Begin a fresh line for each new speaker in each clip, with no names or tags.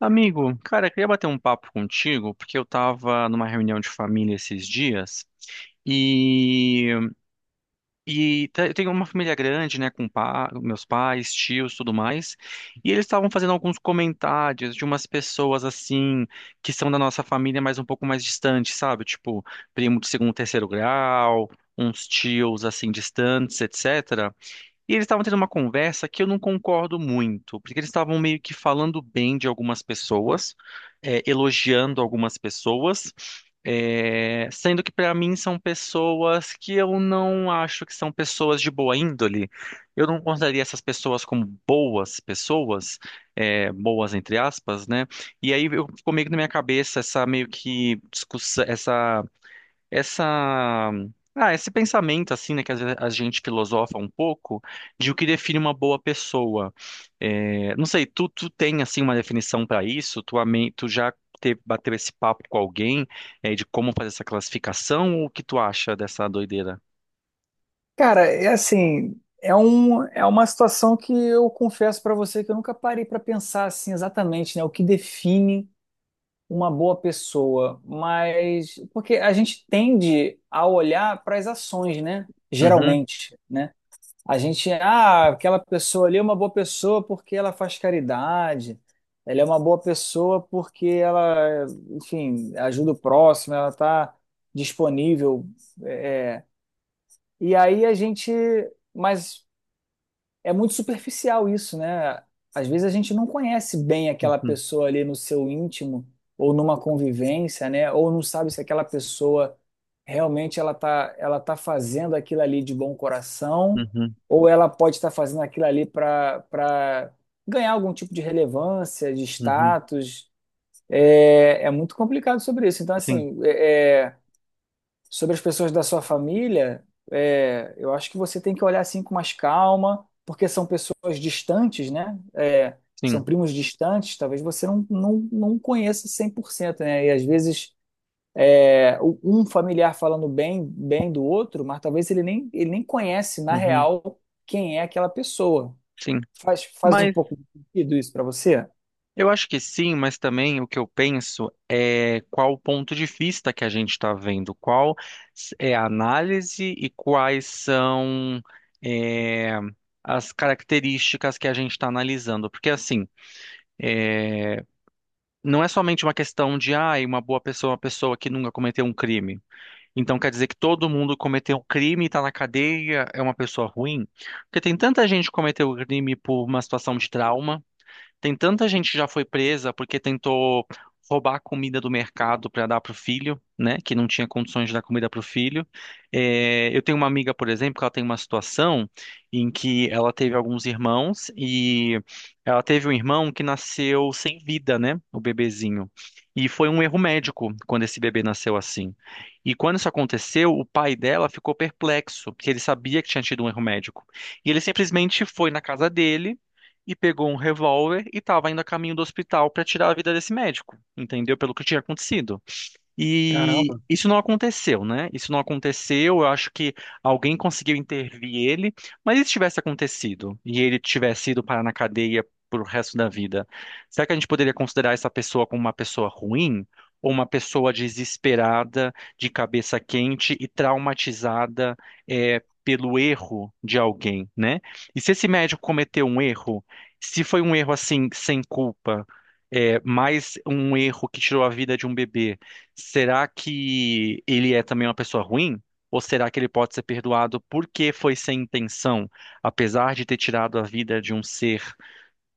Amigo, cara, eu queria bater um papo contigo, porque eu tava numa reunião de família esses dias e, e eu tenho uma família grande, né, com meus pais, tios, tudo mais, e eles estavam fazendo alguns comentários de umas pessoas assim, que são da nossa família, mas um pouco mais distantes, sabe? Tipo, primo de segundo, terceiro grau, uns tios assim distantes, etc. E eles estavam tendo uma conversa que eu não concordo muito, porque eles estavam meio que falando bem de algumas pessoas, elogiando algumas pessoas, sendo que para mim são pessoas que eu não acho que são pessoas de boa índole. Eu não consideraria essas pessoas como boas pessoas, boas entre aspas, né? E aí eu, ficou meio que na minha cabeça essa meio que discussão, essa esse pensamento assim, né, que às vezes a gente filosofa um pouco de o que define uma boa pessoa. É, não sei, tu tem assim uma definição para isso? Tu já bateu esse papo com alguém, de como fazer essa classificação? Ou o que tu acha dessa doideira?
Cara, é assim, é uma situação que eu confesso pra você que eu nunca parei pra pensar assim exatamente, né, o que define uma boa pessoa, mas porque a gente tende a olhar para as ações, né?
Uhum,
Geralmente, né? A gente, aquela pessoa ali é uma boa pessoa porque ela faz caridade, ela é uma boa pessoa porque enfim, ajuda o próximo, ela tá disponível, é, é. e aí a gente mas é muito superficial isso, né? Às vezes a gente não conhece bem aquela
uhum,
pessoa ali no seu íntimo ou numa convivência, né? Ou não sabe se aquela pessoa realmente ela tá fazendo aquilo ali de bom coração
uhum,
ou ela pode estar fazendo aquilo ali para ganhar algum tipo de relevância, de
uhum,
status. É muito complicado sobre isso. Então,
sim,
assim, sobre as pessoas da sua família, eu acho que você tem que olhar assim com mais calma, porque são pessoas distantes, né?
sim,
São primos distantes, talvez você não conheça 100%, né? E às vezes um familiar falando bem do outro, mas talvez ele nem conhece na
uhum,
real quem é aquela pessoa.
sim.
Faz um
Mas
pouco de sentido isso para você?
eu acho que sim, mas também o que eu penso é qual o ponto de vista que a gente está vendo, qual é a análise e quais são, é, as características que a gente está analisando. Porque assim, é, não é somente uma questão de, ah, uma boa pessoa é uma pessoa que nunca cometeu um crime. Então quer dizer que todo mundo cometeu um crime e está na cadeia é uma pessoa ruim? Porque tem tanta gente que cometeu crime por uma situação de trauma. Tem tanta gente que já foi presa porque tentou roubar a comida do mercado para dar para o filho, né? Que não tinha condições de dar comida para o filho. É, eu tenho uma amiga, por exemplo, que ela tem uma situação em que ela teve alguns irmãos e ela teve um irmão que nasceu sem vida, né? O bebezinho. E foi um erro médico quando esse bebê nasceu assim. E quando isso aconteceu, o pai dela ficou perplexo, porque ele sabia que tinha tido um erro médico. E ele simplesmente foi na casa dele e pegou um revólver e estava indo a caminho do hospital para tirar a vida desse médico, entendeu? Pelo que tinha acontecido. E
Caramba.
isso não aconteceu, né? Isso não aconteceu. Eu acho que alguém conseguiu intervir ele. Mas e se tivesse acontecido e ele tivesse ido parar na cadeia pro resto da vida? Será que a gente poderia considerar essa pessoa como uma pessoa ruim? Ou uma pessoa desesperada, de cabeça quente e traumatizada, pelo erro de alguém, né? E se esse médico cometeu um erro, se foi um erro assim, sem culpa, mais um erro que tirou a vida de um bebê. Será que ele é também uma pessoa ruim? Ou será que ele pode ser perdoado porque foi sem intenção, apesar de ter tirado a vida de um ser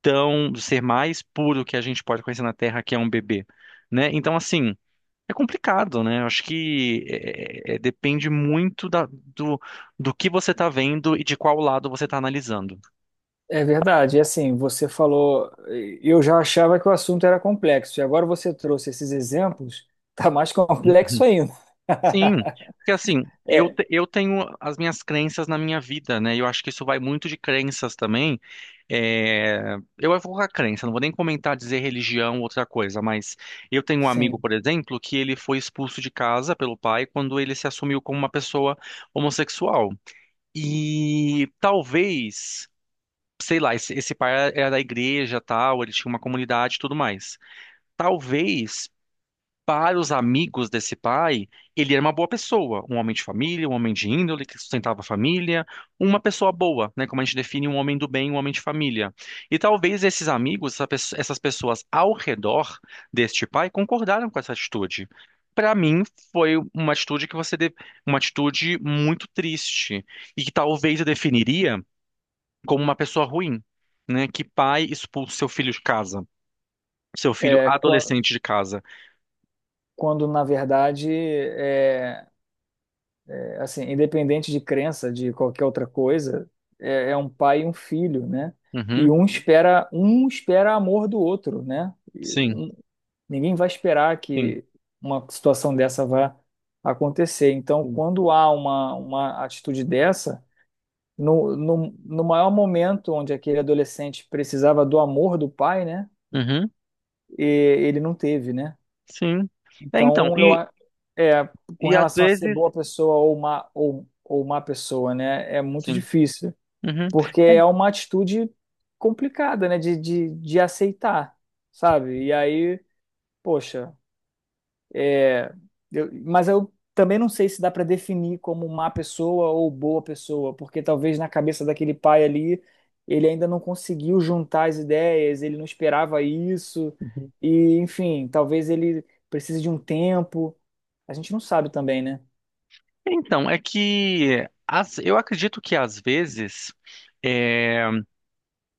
tão, do ser mais puro que a gente pode conhecer na Terra, que é um bebê, né? Então, assim, é complicado, né? Eu acho que depende muito do, do que você está vendo e de qual lado você está analisando.
É verdade, e assim, você falou, eu já achava que o assunto era complexo, e agora você trouxe esses exemplos, tá mais complexo ainda.
Sim, porque assim,
É,
eu tenho as minhas crenças na minha vida, né? E eu acho que isso vai muito de crenças também. É, eu vou colocar crença, não vou nem comentar, dizer religião, outra coisa, mas eu tenho um amigo,
sim.
por exemplo, que ele foi expulso de casa pelo pai quando ele se assumiu como uma pessoa homossexual. E talvez, sei lá, esse pai era da igreja, tal, ele tinha uma comunidade e tudo mais. Talvez para os amigos desse pai, ele era uma boa pessoa, um homem de família, um homem de índole que sustentava a família, uma pessoa boa, né? Como a gente define um homem do bem, um homem de família. E talvez esses amigos, essas pessoas ao redor deste pai concordaram com essa atitude. Para mim, foi uma atitude que você deve, uma atitude muito triste e que talvez eu definiria como uma pessoa ruim, né? Que pai expulsa seu filho de casa, seu filho
É, quan-
adolescente de casa.
Quando, na verdade, assim, independente de crença, de qualquer outra coisa, é um pai e um filho, né? E
Uhum,
um espera amor do outro, né?
sim.
Ninguém vai esperar
Sim.
que uma situação dessa vá acontecer. Então,
Sim.
quando há uma atitude dessa no maior momento onde aquele adolescente precisava do amor do pai, né?
Uhum,
E ele não teve, né?
sim. É, então,
Então, eu, a- é, com
e às
relação a ser
vezes,
boa pessoa ou má, ou má pessoa, né? É muito
sim.
difícil,
Uhum.
porque
É,
é uma atitude complicada, né? De aceitar, sabe? E aí, poxa, É, mas eu também não sei se dá para definir como má pessoa ou boa pessoa, porque talvez na cabeça daquele pai ali, ele ainda não conseguiu juntar as ideias, ele não esperava isso,
uhum.
e enfim, talvez ele precise de um tempo. A gente não sabe também, né?
Então, é que as eu acredito que às vezes, é,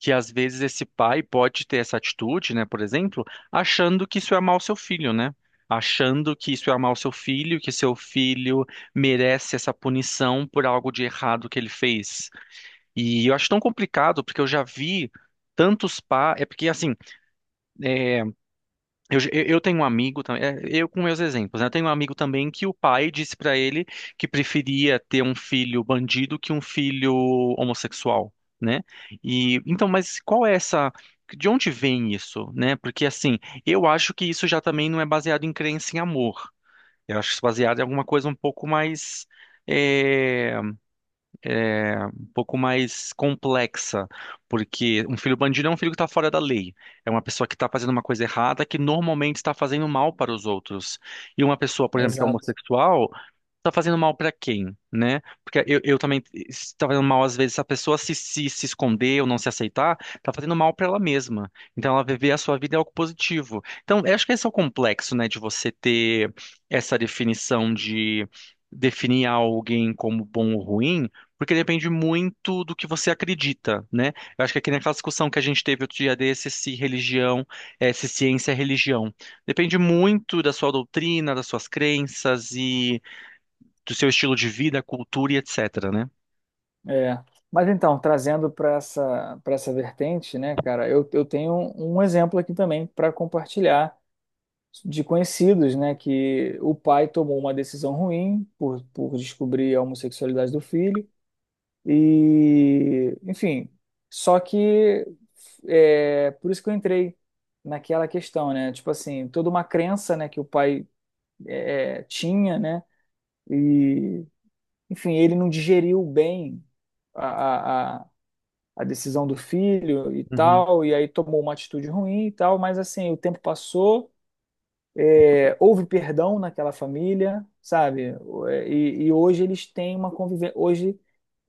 que às vezes esse pai pode ter essa atitude, né, por exemplo, achando que isso é amar o seu filho, né? Achando que isso é amar o seu filho, que seu filho merece essa punição por algo de errado que ele fez. E eu acho tão complicado, porque eu já vi tantos pais. É porque, assim, é, eu tenho um amigo também, eu com meus exemplos, né? Eu tenho um amigo também que o pai disse pra ele que preferia ter um filho bandido que um filho homossexual, né? E então, mas qual é essa, de onde vem isso, né? Porque assim, eu acho que isso já também não é baseado em crença em amor. Eu acho isso baseado em alguma coisa um pouco mais eh, um pouco mais complexa, porque um filho bandido é um filho que está fora da lei, é uma pessoa que está fazendo uma coisa errada que normalmente está fazendo mal para os outros. E uma pessoa, por exemplo, que é
Exato.
homossexual, tá fazendo mal pra quem, né? Porque eu também se tá fazendo mal às vezes, se a pessoa se esconder ou não se aceitar, tá fazendo mal pra ela mesma. Então ela viver a sua vida é algo positivo. Então, eu acho que esse é o complexo, né, de você ter essa definição de definir alguém como bom ou ruim. Porque depende muito do que você acredita, né? Eu acho que aqui naquela discussão que a gente teve outro dia desse, se religião, se ciência é religião. Depende muito da sua doutrina, das suas crenças e do seu estilo de vida, cultura e etc, né?
É. Mas então, trazendo para essa vertente, né, cara, eu tenho um exemplo aqui também para compartilhar de conhecidos, né, que o pai tomou uma decisão ruim por descobrir a homossexualidade do filho e, enfim, só que é por isso que eu entrei naquela questão, né, tipo assim, toda uma crença, né, que o pai tinha, né, e, enfim, ele não digeriu bem a, a, a a decisão do filho e
Uhum,
tal, e aí tomou uma atitude ruim e tal, mas assim, o tempo passou, houve perdão naquela família, sabe? E hoje eles têm uma convivência. Hoje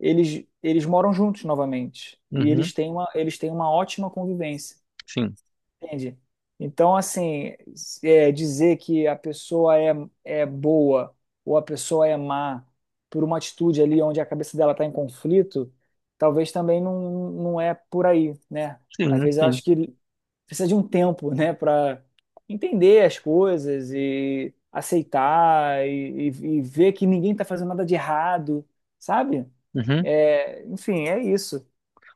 eles moram juntos novamente. E
uhum,
eles têm uma ótima convivência.
sim,
Entende? Então, assim, dizer que a pessoa é boa ou a pessoa é má por uma atitude ali onde a cabeça dela está em conflito, talvez também não é por aí, né? Às
sim,
vezes eu
sim.
acho que precisa de um tempo, né, para entender as coisas e aceitar e e ver que ninguém está fazendo nada de errado, sabe?
Uhum,
É, enfim, é isso.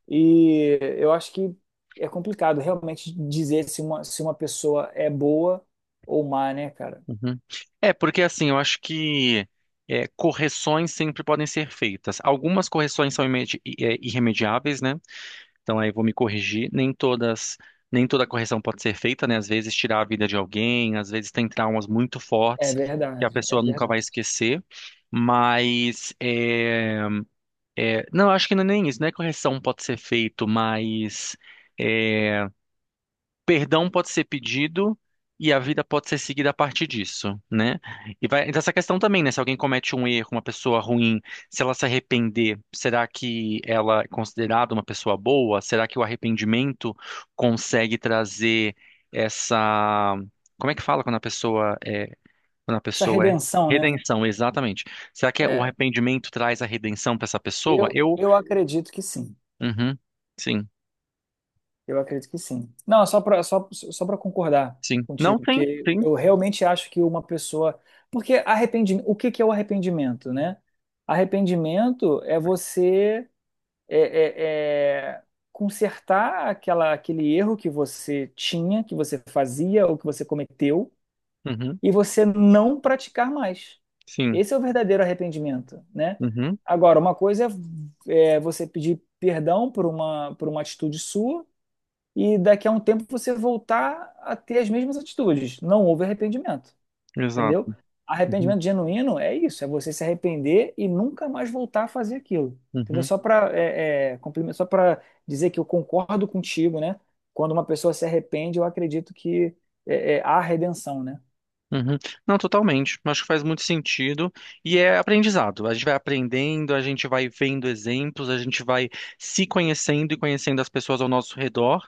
E eu acho que é complicado realmente dizer se uma pessoa é boa ou má, né, cara?
uhum. É, porque assim, eu acho que correções sempre podem ser feitas. Algumas correções são irremediáveis, né? Então aí eu vou me corrigir. Nem todas, nem toda correção pode ser feita, né? Às vezes tirar a vida de alguém, às vezes tem traumas muito
É
fortes que a
verdade,
pessoa
é
nunca vai
verdade.
esquecer. Mas é, é, não, eu acho que não é nem isso, né? Correção pode ser feito, mas é, perdão pode ser pedido e a vida pode ser seguida a partir disso, né? E vai então essa questão também, né? Se alguém comete um erro, uma pessoa ruim, se ela se arrepender, será que ela é considerada uma pessoa boa? Será que o arrependimento consegue trazer essa... Como é que fala quando a pessoa é... Quando a
Essa
pessoa é...
redenção, né?
Redenção, exatamente. Será que é o
É,
arrependimento traz a redenção para essa pessoa?
eu,
Eu
eu acredito que sim.
uhum. Sim,
Eu acredito que sim. Não, só para concordar
sim. Não,
contigo,
sim,
que
sim.
eu realmente acho que uma pessoa. Porque arrependimento, o que que é o arrependimento, né? Arrependimento é você é, é, é, consertar aquele erro que você tinha, que você fazia ou que você cometeu,
Uhum.
e você não praticar mais.
Sim.
Esse é o verdadeiro arrependimento, né?
Uhum.
Agora, uma coisa é você pedir perdão por uma atitude sua e daqui a um tempo você voltar a ter as mesmas atitudes. Não houve arrependimento, entendeu?
Exato. Uhum.
Arrependimento genuíno é isso, é você se arrepender e nunca mais voltar a fazer aquilo, entendeu?
Uhum.
Só para só para dizer que eu concordo contigo, né? Quando uma pessoa se arrepende, eu acredito que há redenção, né?
Uhum. Não, totalmente. Acho que faz muito sentido e é aprendizado. A gente vai aprendendo, a gente vai vendo exemplos, a gente vai se conhecendo e conhecendo as pessoas ao nosso redor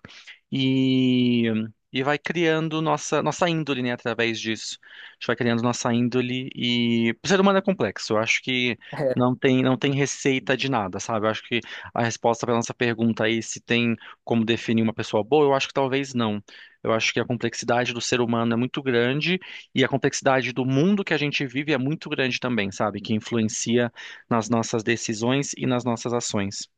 e, e vai criando nossa índole, né, através disso. A gente vai criando nossa índole e o ser humano é complexo. Eu acho que
É
não tem, não tem receita de nada, sabe? Eu acho que a resposta para nossa pergunta aí, se tem como definir uma pessoa boa, eu acho que talvez não. Eu acho que a complexidade do ser humano é muito grande e a complexidade do mundo que a gente vive é muito grande também, sabe? Que influencia nas nossas decisões e nas nossas ações,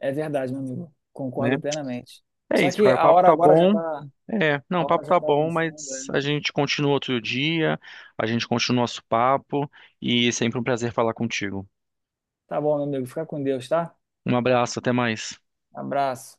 é verdade, meu amigo.
né?
Concordo plenamente.
É
Só
isso,
que
cara. O
a
papo
hora
tá
agora já
bom.
tá,
É, não,
a
o
hora
papo
já
tá
tá
bom,
avançando.
mas a
É.
gente continua outro dia, a gente continua nosso papo e sempre um prazer falar contigo.
Tá bom, meu amigo. Fica com Deus, tá?
Um abraço, até mais.
Abraço.